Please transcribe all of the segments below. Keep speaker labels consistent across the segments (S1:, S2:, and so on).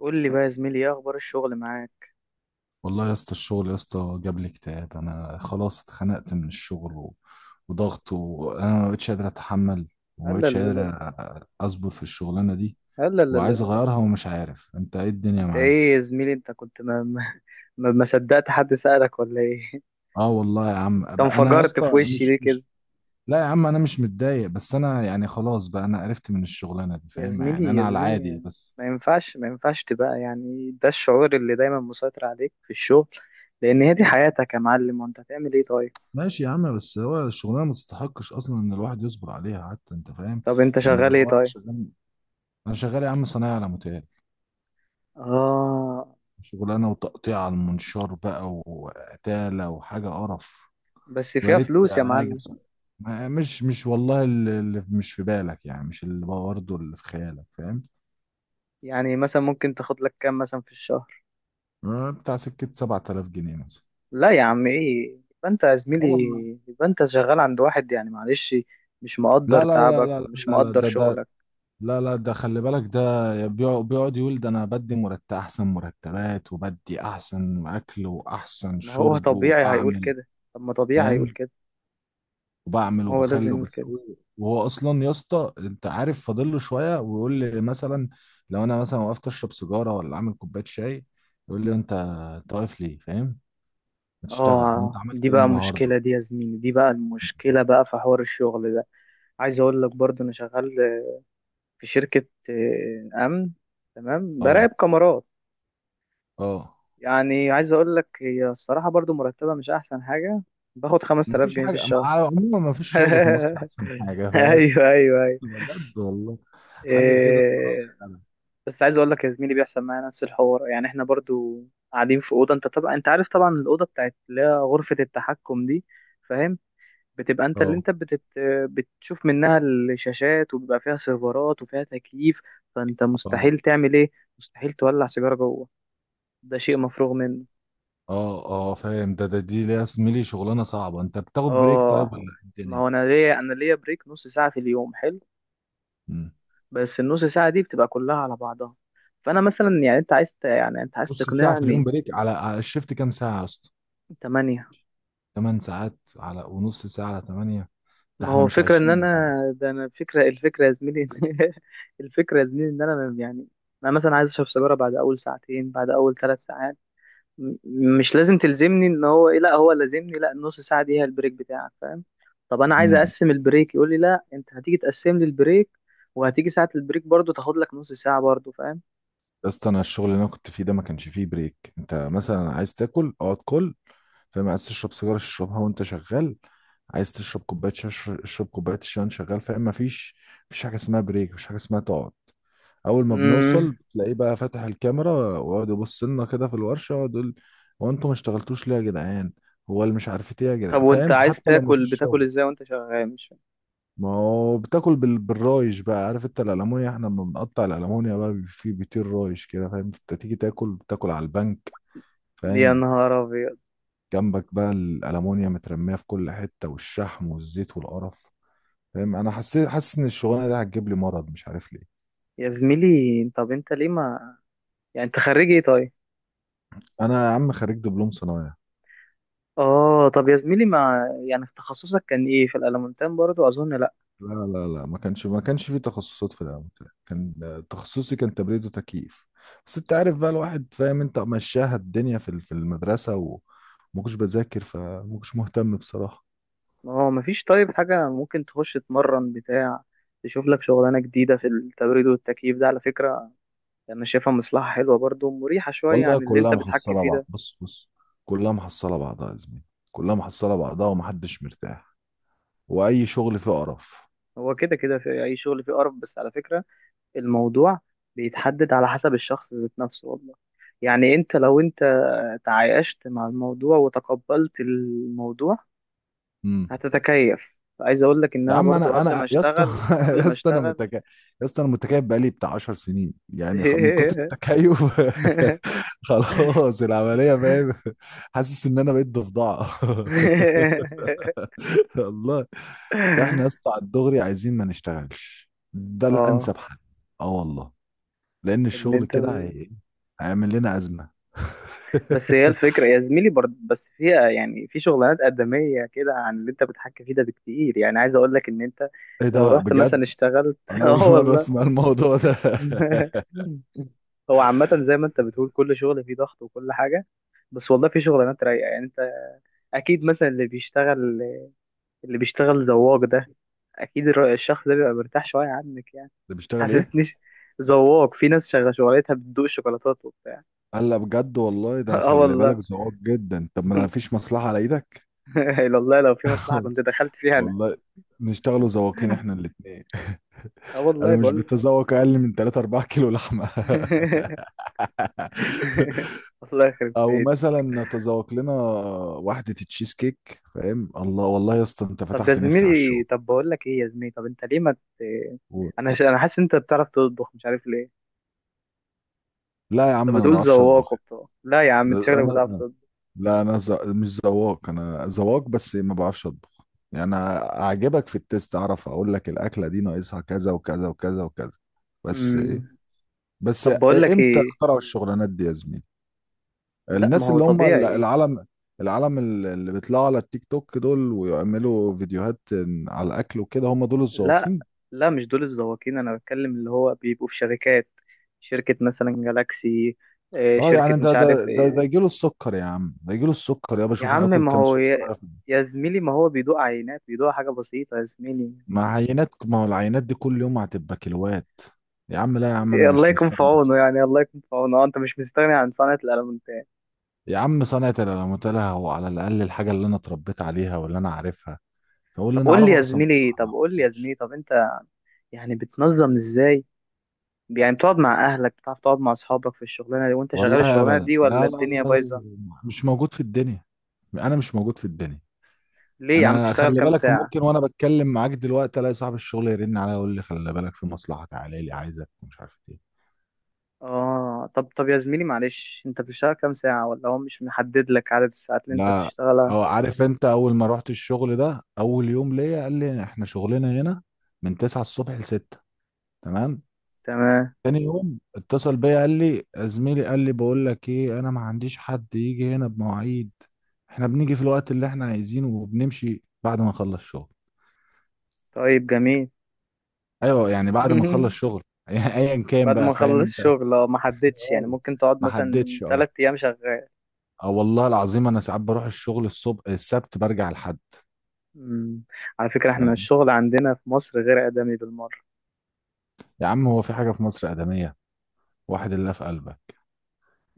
S1: قول لي بقى يا زميلي، ايه اخبار الشغل معاك؟
S2: والله يا اسطى الشغل يا اسطى جاب لي اكتئاب. انا خلاص اتخنقت من الشغل و... وضغط، وانا ما بقتش قادر اتحمل،
S1: لا
S2: وما
S1: لا
S2: بقتش
S1: لا
S2: قادر
S1: لا.
S2: اصبر في الشغلانه دي،
S1: لا لا لا
S2: وعايز
S1: لا.
S2: اغيرها ومش عارف انت ايه الدنيا
S1: انت ايه
S2: معاك.
S1: يا زميلي؟ انت كنت ما صدقت حد سألك ولا ايه؟
S2: اه والله يا عم،
S1: انت
S2: انا يا
S1: انفجرت
S2: اسطى
S1: في وشي
S2: مش
S1: ليه كده؟
S2: مش لا يا عم، انا مش متضايق، بس انا يعني خلاص بقى، انا قرفت من الشغلانه دي،
S1: يا
S2: فاهم؟ يعني
S1: زميلي يا
S2: انا على
S1: زميلي،
S2: عادي بس.
S1: ما ينفعش تبقى يعني ده الشعور اللي دايما مسيطر عليك في الشغل، لان هي دي حياتك يا معلم. وانت هتعمل ايه طيب؟
S2: ماشي يا عم، بس هو الشغلانه ما تستحقش اصلا ان الواحد يصبر عليها حتى، انت فاهم؟
S1: طب انت
S2: يعني اللي
S1: شغال ايه
S2: هو انا
S1: طيب؟
S2: شغال. انا شغال يا عم صنايعي على متاهل.
S1: اه،
S2: شغلانه وتقطيع على المنشار بقى، وقتاله وحاجه قرف.
S1: بس
S2: ويا
S1: فيها
S2: ريت
S1: فلوس يا
S2: اجي
S1: معلم.
S2: بصراحه. مش والله، اللي مش في بالك، يعني مش اللي برضه اللي في خيالك، فاهم؟
S1: يعني مثلا ممكن تاخد لك كام مثلا في الشهر؟
S2: آه، بتاع سكه 7000 جنيه مثلا.
S1: لا يا عم، ايه؟ يبقى انت يا
S2: اه
S1: زميلي
S2: والله.
S1: يبقى انت شغال عند واحد، يعني معلش، مش مقدر
S2: لا لا لا
S1: تعبك
S2: لا
S1: ومش
S2: لا لا،
S1: مقدر
S2: ده ده...
S1: شغلك.
S2: لا لا، ده خلي بالك ده بيقعد يقول، ده انا بدي مرتب، احسن مرتبات، وبدي احسن اكل، واحسن
S1: ما هو
S2: شرب،
S1: طبيعي هيقول
S2: وبعمل،
S1: كده. طب ما طبيعي هيقول
S2: فاهم؟
S1: كده. ما
S2: وبعمل
S1: هو لازم
S2: وبخلي
S1: يقول كده.
S2: وبسوي. وهو اصلا يا اسطى، انت عارف، فاضل له شويه ويقول لي مثلا، لو انا مثلا وقفت اشرب سيجاره ولا عامل كوبايه شاي، يقول لي، انت، انت واقف ليه؟ فاهم؟ ما تشتغل، وانت
S1: اه،
S2: عملت
S1: دي
S2: ايه
S1: بقى
S2: النهارده.
S1: مشكلة، دي يا زميلي دي بقى المشكلة بقى في حوار الشغل ده. عايز اقول لك برضو انا شغال في شركة امن، تمام، براقب
S2: اه،
S1: كاميرات.
S2: اه.
S1: يعني عايز اقول لك هي الصراحة برضو مرتبة مش احسن حاجة. باخد 5000
S2: مفيش
S1: جنيه في
S2: حاجه مع...
S1: الشهر.
S2: عموما مفيش شغل في مصر احسن حاجه، فاهم؟
S1: ايوه ايوه.
S2: بجد والله. حاجه كده.
S1: إيه، بس عايز اقول لك يا زميلي بيحصل معايا نفس الحوار، يعني احنا برضو قاعدين في اوضه. انت طبعا انت عارف طبعا الاوضه بتاعت اللي هي غرفه التحكم دي، فاهم؟ بتبقى انت اللي
S2: اه،
S1: بتشوف منها الشاشات، وبيبقى فيها سيرفرات وفيها تكييف. فانت
S2: اه،
S1: مستحيل تعمل ايه؟ مستحيل تولع سيجاره جوه، ده شيء مفروغ منه.
S2: اه، اه، فاهم؟ ده ده دي ليا زميلي شغلانه صعبه، انت بتاخد بريك طيب ولا
S1: اه،
S2: إيه
S1: ما
S2: الدنيا؟
S1: هو انا ليا، انا ليا بريك نص ساعه في اليوم، حلو. بس النص ساعه دي بتبقى كلها على بعضها. فانا مثلا، يعني انت عايز يعني انت عايز
S2: نص ساعة في اليوم
S1: تقنعني؟
S2: بريك؟ على الشيفت كام ساعة يا اسطى؟
S1: 8.
S2: تمن ساعات؟ على ونص ساعة على تمانية؟ ده
S1: ما
S2: احنا
S1: هو
S2: مش
S1: فكرة ان
S2: عايشين يا
S1: انا،
S2: جدع.
S1: ده انا فكرة الفكرة يا زميلي. الفكرة يا زميلي ان انا يعني، انا مثلا عايز اشرب سيجارة بعد اول ساعتين، بعد اول ثلاث ساعات. مش لازم تلزمني ان هو ايه، لا هو لازمني، لا النص ساعة دي هي البريك بتاعك، فاهم؟ طب انا عايز
S2: امم
S1: اقسم البريك، يقول لي لا انت هتيجي تقسم لي البريك، وهتيجي ساعة البريك برضو تاخد لك نص ساعة برضو، فاهم؟
S2: يا اسطى، انا الشغل اللي انا كنت فيه ده ما كانش فيه بريك. انت مثلا عايز تاكل، اقعد كل، فاهم؟ عايز تشرب سيجارة، اشربها وانت شغال. عايز تشرب كوباية شاي، اشرب كوباية الشاي وانت شغال، فاهم؟ مفيش، مفيش حاجة اسمها بريك، مفيش حاجة اسمها تقعد. اول ما
S1: امم.
S2: بنوصل تلاقيه بقى فاتح الكاميرا، ويقعد يبص لنا كده في الورشة، ويقعد يقول، هو انتوا ما اشتغلتوش ليه يا جدعان؟ هو اللي مش عارف ايه يا
S1: طب
S2: جدعان،
S1: وانت
S2: فاهم؟
S1: عايز
S2: حتى لو
S1: تاكل
S2: مفيش
S1: بتاكل
S2: شغل.
S1: ازاي وانت شغال؟ مش فاهم.
S2: ما هو بتاكل بالرايش بقى، عارف انت الالمونيا، احنا لما بنقطع الالمونيا بقى في بيطير رايش كده، فاهم؟ انت تيجي تاكل، بتاكل على البنك،
S1: يا
S2: فاهم؟
S1: نهار ابيض.
S2: جنبك بقى الالمونيا مترميه في كل حته، والشحم والزيت والقرف، فاهم؟ انا حسيت، حاسس ان الشغلانه دي هتجيب لي مرض، مش عارف ليه.
S1: يا زميلي، طب انت ليه ما، يعني انت خريج ايه طيب؟
S2: انا يا عم خريج دبلوم صنايع.
S1: اه، طب يا زميلي، ما يعني في تخصصك كان ايه؟ في الالمونتان برضو اظن؟ لا،
S2: لا لا لا، ما كانش في تخصصات في الاول. كان، تخصصي كان تبريد وتكييف. بس انت عارف بقى، الواحد فاهم، انت مشاها الدنيا في في المدرسه، وما كنتش بذاكر، فما كنتش مهتم بصراحه.
S1: ما هو مفيش طيب حاجة ممكن تخش تتمرن بتاع، تشوف لك شغلانة جديدة في التبريد والتكييف ده. على فكرة انا شايفها مصلحة حلوة برضو، مريحة شوية
S2: والله
S1: عن اللي انت
S2: كلها
S1: بتحكي
S2: محصله
S1: فيه
S2: بعض،
S1: ده.
S2: بص بص، كلها محصله بعضها يا زميلي، كلها محصله بعضها ومحدش مرتاح، واي شغل فيه قرف.
S1: هو كده كده في اي شغل فيه قرف، بس على فكرة الموضوع بيتحدد على حسب الشخص ذات نفسه، والله. يعني انت لو انت تعايشت مع الموضوع وتقبلت الموضوع، هتتكيف. عايز اقول لك ان
S2: يا
S1: انا
S2: عم
S1: برضو،
S2: انا،
S1: قبل ما
S2: انا يا اسطى
S1: اشتغل قبل
S2: يا
S1: ما
S2: اسطى، انا
S1: اشتغل
S2: متكيف بقالي بتاع 10 سنين يعني، من كتر التكيف. خلاص العمليه، فاهم؟ حاسس ان انا بقيت ضفدعه. الله. احنا يا اسطى على الدغري عايزين ما نشتغلش، ده
S1: اه،
S2: الانسب حل. اه والله. لان
S1: ان
S2: الشغل
S1: انت،
S2: كده هي... هيعمل لنا ازمه.
S1: بس هي الفكره يا زميلي برضه، بس فيها يعني في شغلانات ادميه كده عن اللي انت بتحكي فيه ده بكتير. يعني عايز اقول لك ان انت
S2: ايه
S1: لو
S2: ده
S1: رحت
S2: بجد؟
S1: مثلا اشتغلت.
S2: انا
S1: اه
S2: اول مره
S1: والله.
S2: اسمع الموضوع ده.
S1: هو عامه زي ما انت بتقول كل شغل فيه ضغط وكل حاجه، بس والله في شغلانات رايقه. يعني انت اكيد مثلا اللي بيشتغل زواج ده، اكيد الشخص ده بيبقى مرتاح شويه عنك، يعني.
S2: ده بيشتغل ايه؟
S1: حسستنيش ذواق. في ناس شغاله شغلتها بتدوق شوكولاتات وبتاع.
S2: قال لا، بجد والله، ده انا
S1: اه
S2: خلي بالك
S1: والله.
S2: ذواق جدا، طب ما انا مفيش مصلحه على ايدك.
S1: إلا والله، لو في مصلحه كنت دخلت فيها انا.
S2: والله نشتغلوا ذواقين احنا الاثنين.
S1: اه
S2: انا
S1: والله
S2: مش
S1: بقول.
S2: بتذوق اقل من 3 4 كيلو لحمه.
S1: والله يخرب
S2: او
S1: بيت.
S2: مثلا نتذوق لنا واحده تشيز كيك، فاهم؟ الله، والله يا اسطى انت
S1: طب يا
S2: فتحت نفسي على
S1: زميلي،
S2: الشغل.
S1: طب بقول لك ايه يا زميلي، طب انت ليه ما،
S2: و...
S1: انا حاسس انت بتعرف تطبخ، مش عارف ليه.
S2: لا يا
S1: طب
S2: عم، انا ما
S1: بتقول
S2: بعرفش اطبخ.
S1: ذواق وبتاع، لا يا عم انت شكلك بتعرف
S2: انا،
S1: تطبخ.
S2: لا انا مش ذواق، انا ذواق بس ما بعرفش اطبخ. يعني أنا اعجبك في التيست، اعرف اقول لك الاكله دي ناقصها كذا وكذا وكذا وكذا، بس ايه،
S1: أمم.
S2: بس
S1: طب بقول لك
S2: امتى
S1: ايه.
S2: اخترعوا الشغلانات دي يا زميلي؟
S1: لا، ما
S2: الناس
S1: هو
S2: اللي هم
S1: طبيعي.
S2: العالم، العالم اللي بيطلعوا على التيك توك دول، ويعملوا فيديوهات على الاكل وكده، هم دول
S1: لا
S2: الذواقين.
S1: لا، مش دول الزواقين، انا بتكلم اللي هو بيبقوا في شركات. شركة مثلا جالاكسي،
S2: اه،
S1: شركة
S2: يعني ده
S1: مش
S2: ده
S1: عارف
S2: ده ده
S1: ايه.
S2: يجيله السكر يا عم، ده يجيله السكر، يا
S1: يا
S2: بشوف
S1: عم
S2: هاكل
S1: ما
S2: كام
S1: هو يا,
S2: سكر.
S1: يا زميلي ما هو بيدوق عينات، بيدوق حاجة بسيطة يا زميلي.
S2: مع عينات، ما هو العينات دي كل يوم هتبقى كيلوات. يا عم لا يا عم، انا
S1: الله
S2: مش
S1: يكون في
S2: مستغني.
S1: عونه، يعني الله يكون في عونه. انت مش مستغني عن صنعة الألمنتات؟
S2: يا عم صنعة العلامات لها، هو على الاقل الحاجه اللي انا اتربيت عليها واللي انا عارفها، فاقول اللي
S1: طب
S2: انا
S1: قول لي
S2: اعرفه
S1: يا
S2: احسن من اللي
S1: زميلي،
S2: أنا ما
S1: طب قول لي يا
S2: اعرفوش.
S1: زميلي، طب انت يعني بتنظم ازاي؟ يعني بتقعد مع اهلك؟ بتعرف تقعد مع اصحابك في الشغلانة دي وانت شغال
S2: والله
S1: الشغلانة
S2: ابدا،
S1: دي، ولا
S2: لا لا
S1: الدنيا
S2: لا لا،
S1: بايظة؟
S2: مش موجود في الدنيا. انا مش موجود في الدنيا.
S1: ليه يا عم؟
S2: انا
S1: تشتغل
S2: خلي
S1: كام
S2: بالك،
S1: ساعة؟
S2: ممكن وانا بتكلم معاك دلوقتي الاقي صاحب الشغل يرن عليا يقول لي، خلي بالك في مصلحه، تعالى لي عايزك، مش عارف إيه.
S1: اه، طب طب يا زميلي معلش، انت بتشتغل كام ساعة؟ ولا هو مش محدد لك عدد الساعات اللي انت
S2: لا.
S1: بتشتغلها؟
S2: اه، عارف، انت اول ما رحت الشغل ده، اول يوم ليا قال لي، احنا شغلنا هنا من 9 الصبح ل 6. تمام.
S1: تمام.
S2: تاني يوم اتصل بيا قال لي، زميلي، قال لي بقول لك ايه، انا ما عنديش حد يجي هنا بمواعيد، احنا بنيجي في الوقت اللي احنا عايزينه، وبنمشي بعد ما نخلص شغل.
S1: طيب جميل.
S2: ايوه، يعني بعد ما نخلص شغل، يعني ايا كان
S1: بعد
S2: بقى،
S1: ما
S2: فاهم
S1: اخلص
S2: انت؟
S1: الشغل؟ اه، ما حددش؟ يعني
S2: اه.
S1: ممكن تقعد
S2: ما
S1: مثلا
S2: حددش، اه.
S1: تلات ايام شغال؟
S2: اه والله العظيم، انا ساعات بروح الشغل الصبح السبت برجع الحد.
S1: مم. على فكرة احنا
S2: فاهم؟
S1: الشغل عندنا في مصر غير آدمي بالمرة.
S2: يا عم هو في حاجة في مصر آدمية؟ واحد الله في قلبك.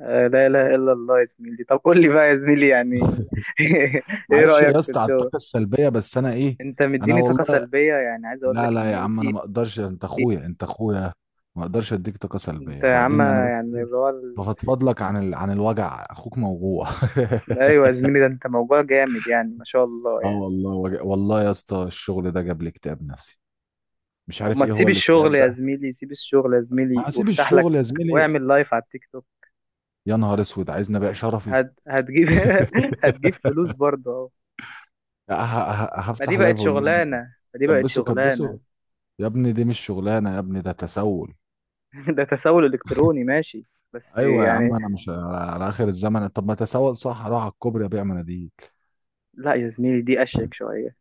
S1: آه لا اله الا الله. يا زميلي، طب قول لي بقى يا زميلي يعني، ايه
S2: معلش
S1: رأيك
S2: يا
S1: في
S2: اسطى على
S1: الشغل؟
S2: الطاقه السلبيه، بس انا ايه،
S1: انت
S2: انا
S1: مديني طاقة
S2: والله،
S1: سلبية، يعني عايز اقول
S2: لا
S1: لك ان
S2: لا يا
S1: ايه
S2: عم، انا
S1: في،
S2: ما اقدرش، انت اخويا، انت اخويا، ما اقدرش اديك طاقه
S1: انت
S2: سلبيه.
S1: يا عم،
S2: وبعدين انا
S1: يعني
S2: بس ايه،
S1: اللي هو،
S2: بفضفض لك عن ال... عن الوجع، اخوك موجوع.
S1: ايوه يا زميلي، ده انت موضوع جامد يعني، ما شاء الله
S2: اه
S1: يعني.
S2: والله وجع. والله يا اسطى، الشغل ده جاب لي اكتئاب نفسي، مش
S1: طب
S2: عارف
S1: ما
S2: ايه هو
S1: تسيب الشغل
S2: الاكتئاب
S1: يا
S2: ده.
S1: زميلي، سيب الشغل يا زميلي
S2: ما هسيب
S1: وافتح لك،
S2: الشغل يا زميلي.
S1: واعمل لايف على التيك توك.
S2: يا نهار اسود، عايز نبيع شرفي.
S1: هتجيب، هتجيب فلوس برضه اهو. ما دي
S2: هفتح
S1: بقت
S2: لايف اقول لهم،
S1: شغلانه، ما دي بقت
S2: كبسوا كبسوا.
S1: شغلانه.
S2: يا ابني دي مش شغلانه، يا ابني ده تسول.
S1: ده تسول الكتروني، ماشي. بس
S2: ايوه يا عم،
S1: يعني،
S2: انا مش على اخر الزمن، طب ما تسول صح، اروح على الكوبري ابيع مناديل.
S1: لا يا زميلي دي اشيك شويه.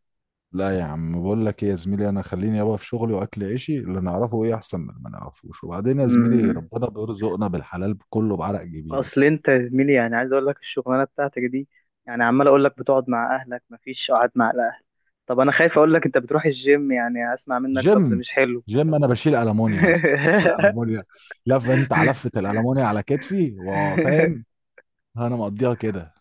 S2: لا يا عم، بقول لك ايه يا زميلي، انا خليني يابا في شغلي واكل عيشي، اللي نعرفه ايه احسن من اللي ما نعرفوش. وبعدين يا زميلي،
S1: امم.
S2: ربنا بيرزقنا بالحلال كله بعرق جبيني.
S1: اصل انت يا زميلي، يعني عايز اقول لك الشغلانه بتاعتك دي، يعني عمال اقول لك بتقعد مع اهلك، مفيش قعد مع الاهل. طب انا خايف اقول لك انت بتروح الجيم، يعني هسمع منك لفظ
S2: جيم،
S1: مش حلو.
S2: جيم انا بشيل المونيا يا اسطى، بشيل المونيا، لف انت على لفه الالمونيا على كتفي، وفاهم، انا مقضيها كده.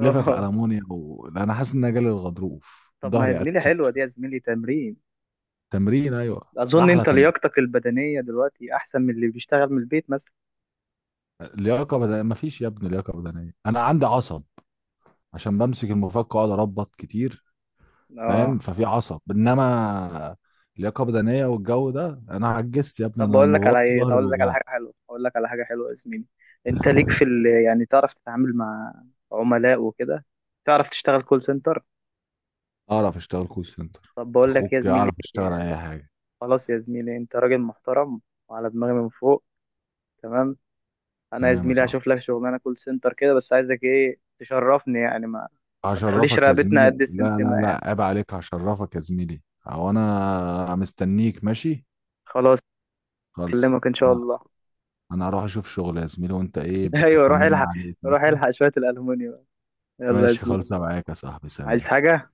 S2: لفه في المونيا، و... انا حاسس ان انا جالي الغضروف،
S1: طب ما يا
S2: ظهري
S1: زميلي
S2: قتب.
S1: حلوة دي، يا زميلي تمرين.
S2: تمرين، ايوه
S1: أظن
S2: احلى
S1: أنت
S2: تمرين.
S1: لياقتك البدنية دلوقتي أحسن من اللي بيشتغل من البيت مثلا.
S2: لياقه بدنيه، مفيش يا ابني لياقه بدنيه، انا عندي عصب عشان بمسك المفك واقعد اربط كتير، فاهم؟
S1: اه.
S2: ففي عصب، انما لياقه بدنيه والجو ده، انا عجزت يا ابني،
S1: طب
S2: انا
S1: بقول
S2: لما
S1: لك على
S2: بوطي
S1: إيه، طب
S2: ظهري
S1: أقول لك على
S2: بيوجعني.
S1: حاجة حلوة، أقول لك على حاجة حلوة يا زميلي. أنت ليك في يعني تعرف تتعامل مع عملاء وكده؟ تعرف تشتغل كول سنتر؟
S2: اعرف اشتغل كول سنتر،
S1: طب
S2: أنت
S1: بقول لك يا
S2: اخوك
S1: زميلي،
S2: اعرف اشتغل اي حاجه.
S1: خلاص يا زميلي، أنت راجل محترم وعلى دماغي من فوق، تمام. انا يا
S2: تمام يا
S1: زميلي
S2: صاحبي،
S1: هشوف لك شغلانه كول سنتر كده، بس عايزك ايه تشرفني يعني، ما، ما تخليش
S2: هشرفك يا
S1: رقبتنا قد
S2: زميلي، لا
S1: السمسمه
S2: لا لا،
S1: يعني.
S2: عيب عليك، هشرفك يا زميلي، هو انا مستنيك؟ ماشي.
S1: خلاص،
S2: خلص.
S1: اكلمك ان شاء
S2: انا،
S1: الله.
S2: انا هروح اشوف شغل يا زميلي، وانت ايه بك،
S1: ايوه روح
S2: طمنا
S1: الحق،
S2: عليك.
S1: روح
S2: ماشي،
S1: الحق شويه الالومنيوم. يلا يا
S2: ماشي.
S1: زميلي.
S2: خلص معاك يا صاحبي،
S1: عايز
S2: سلام.
S1: حاجه؟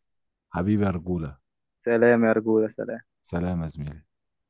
S2: حبيبي يا رجولة.
S1: سلام يا رجوله، سلام.
S2: سلام يا زميلي.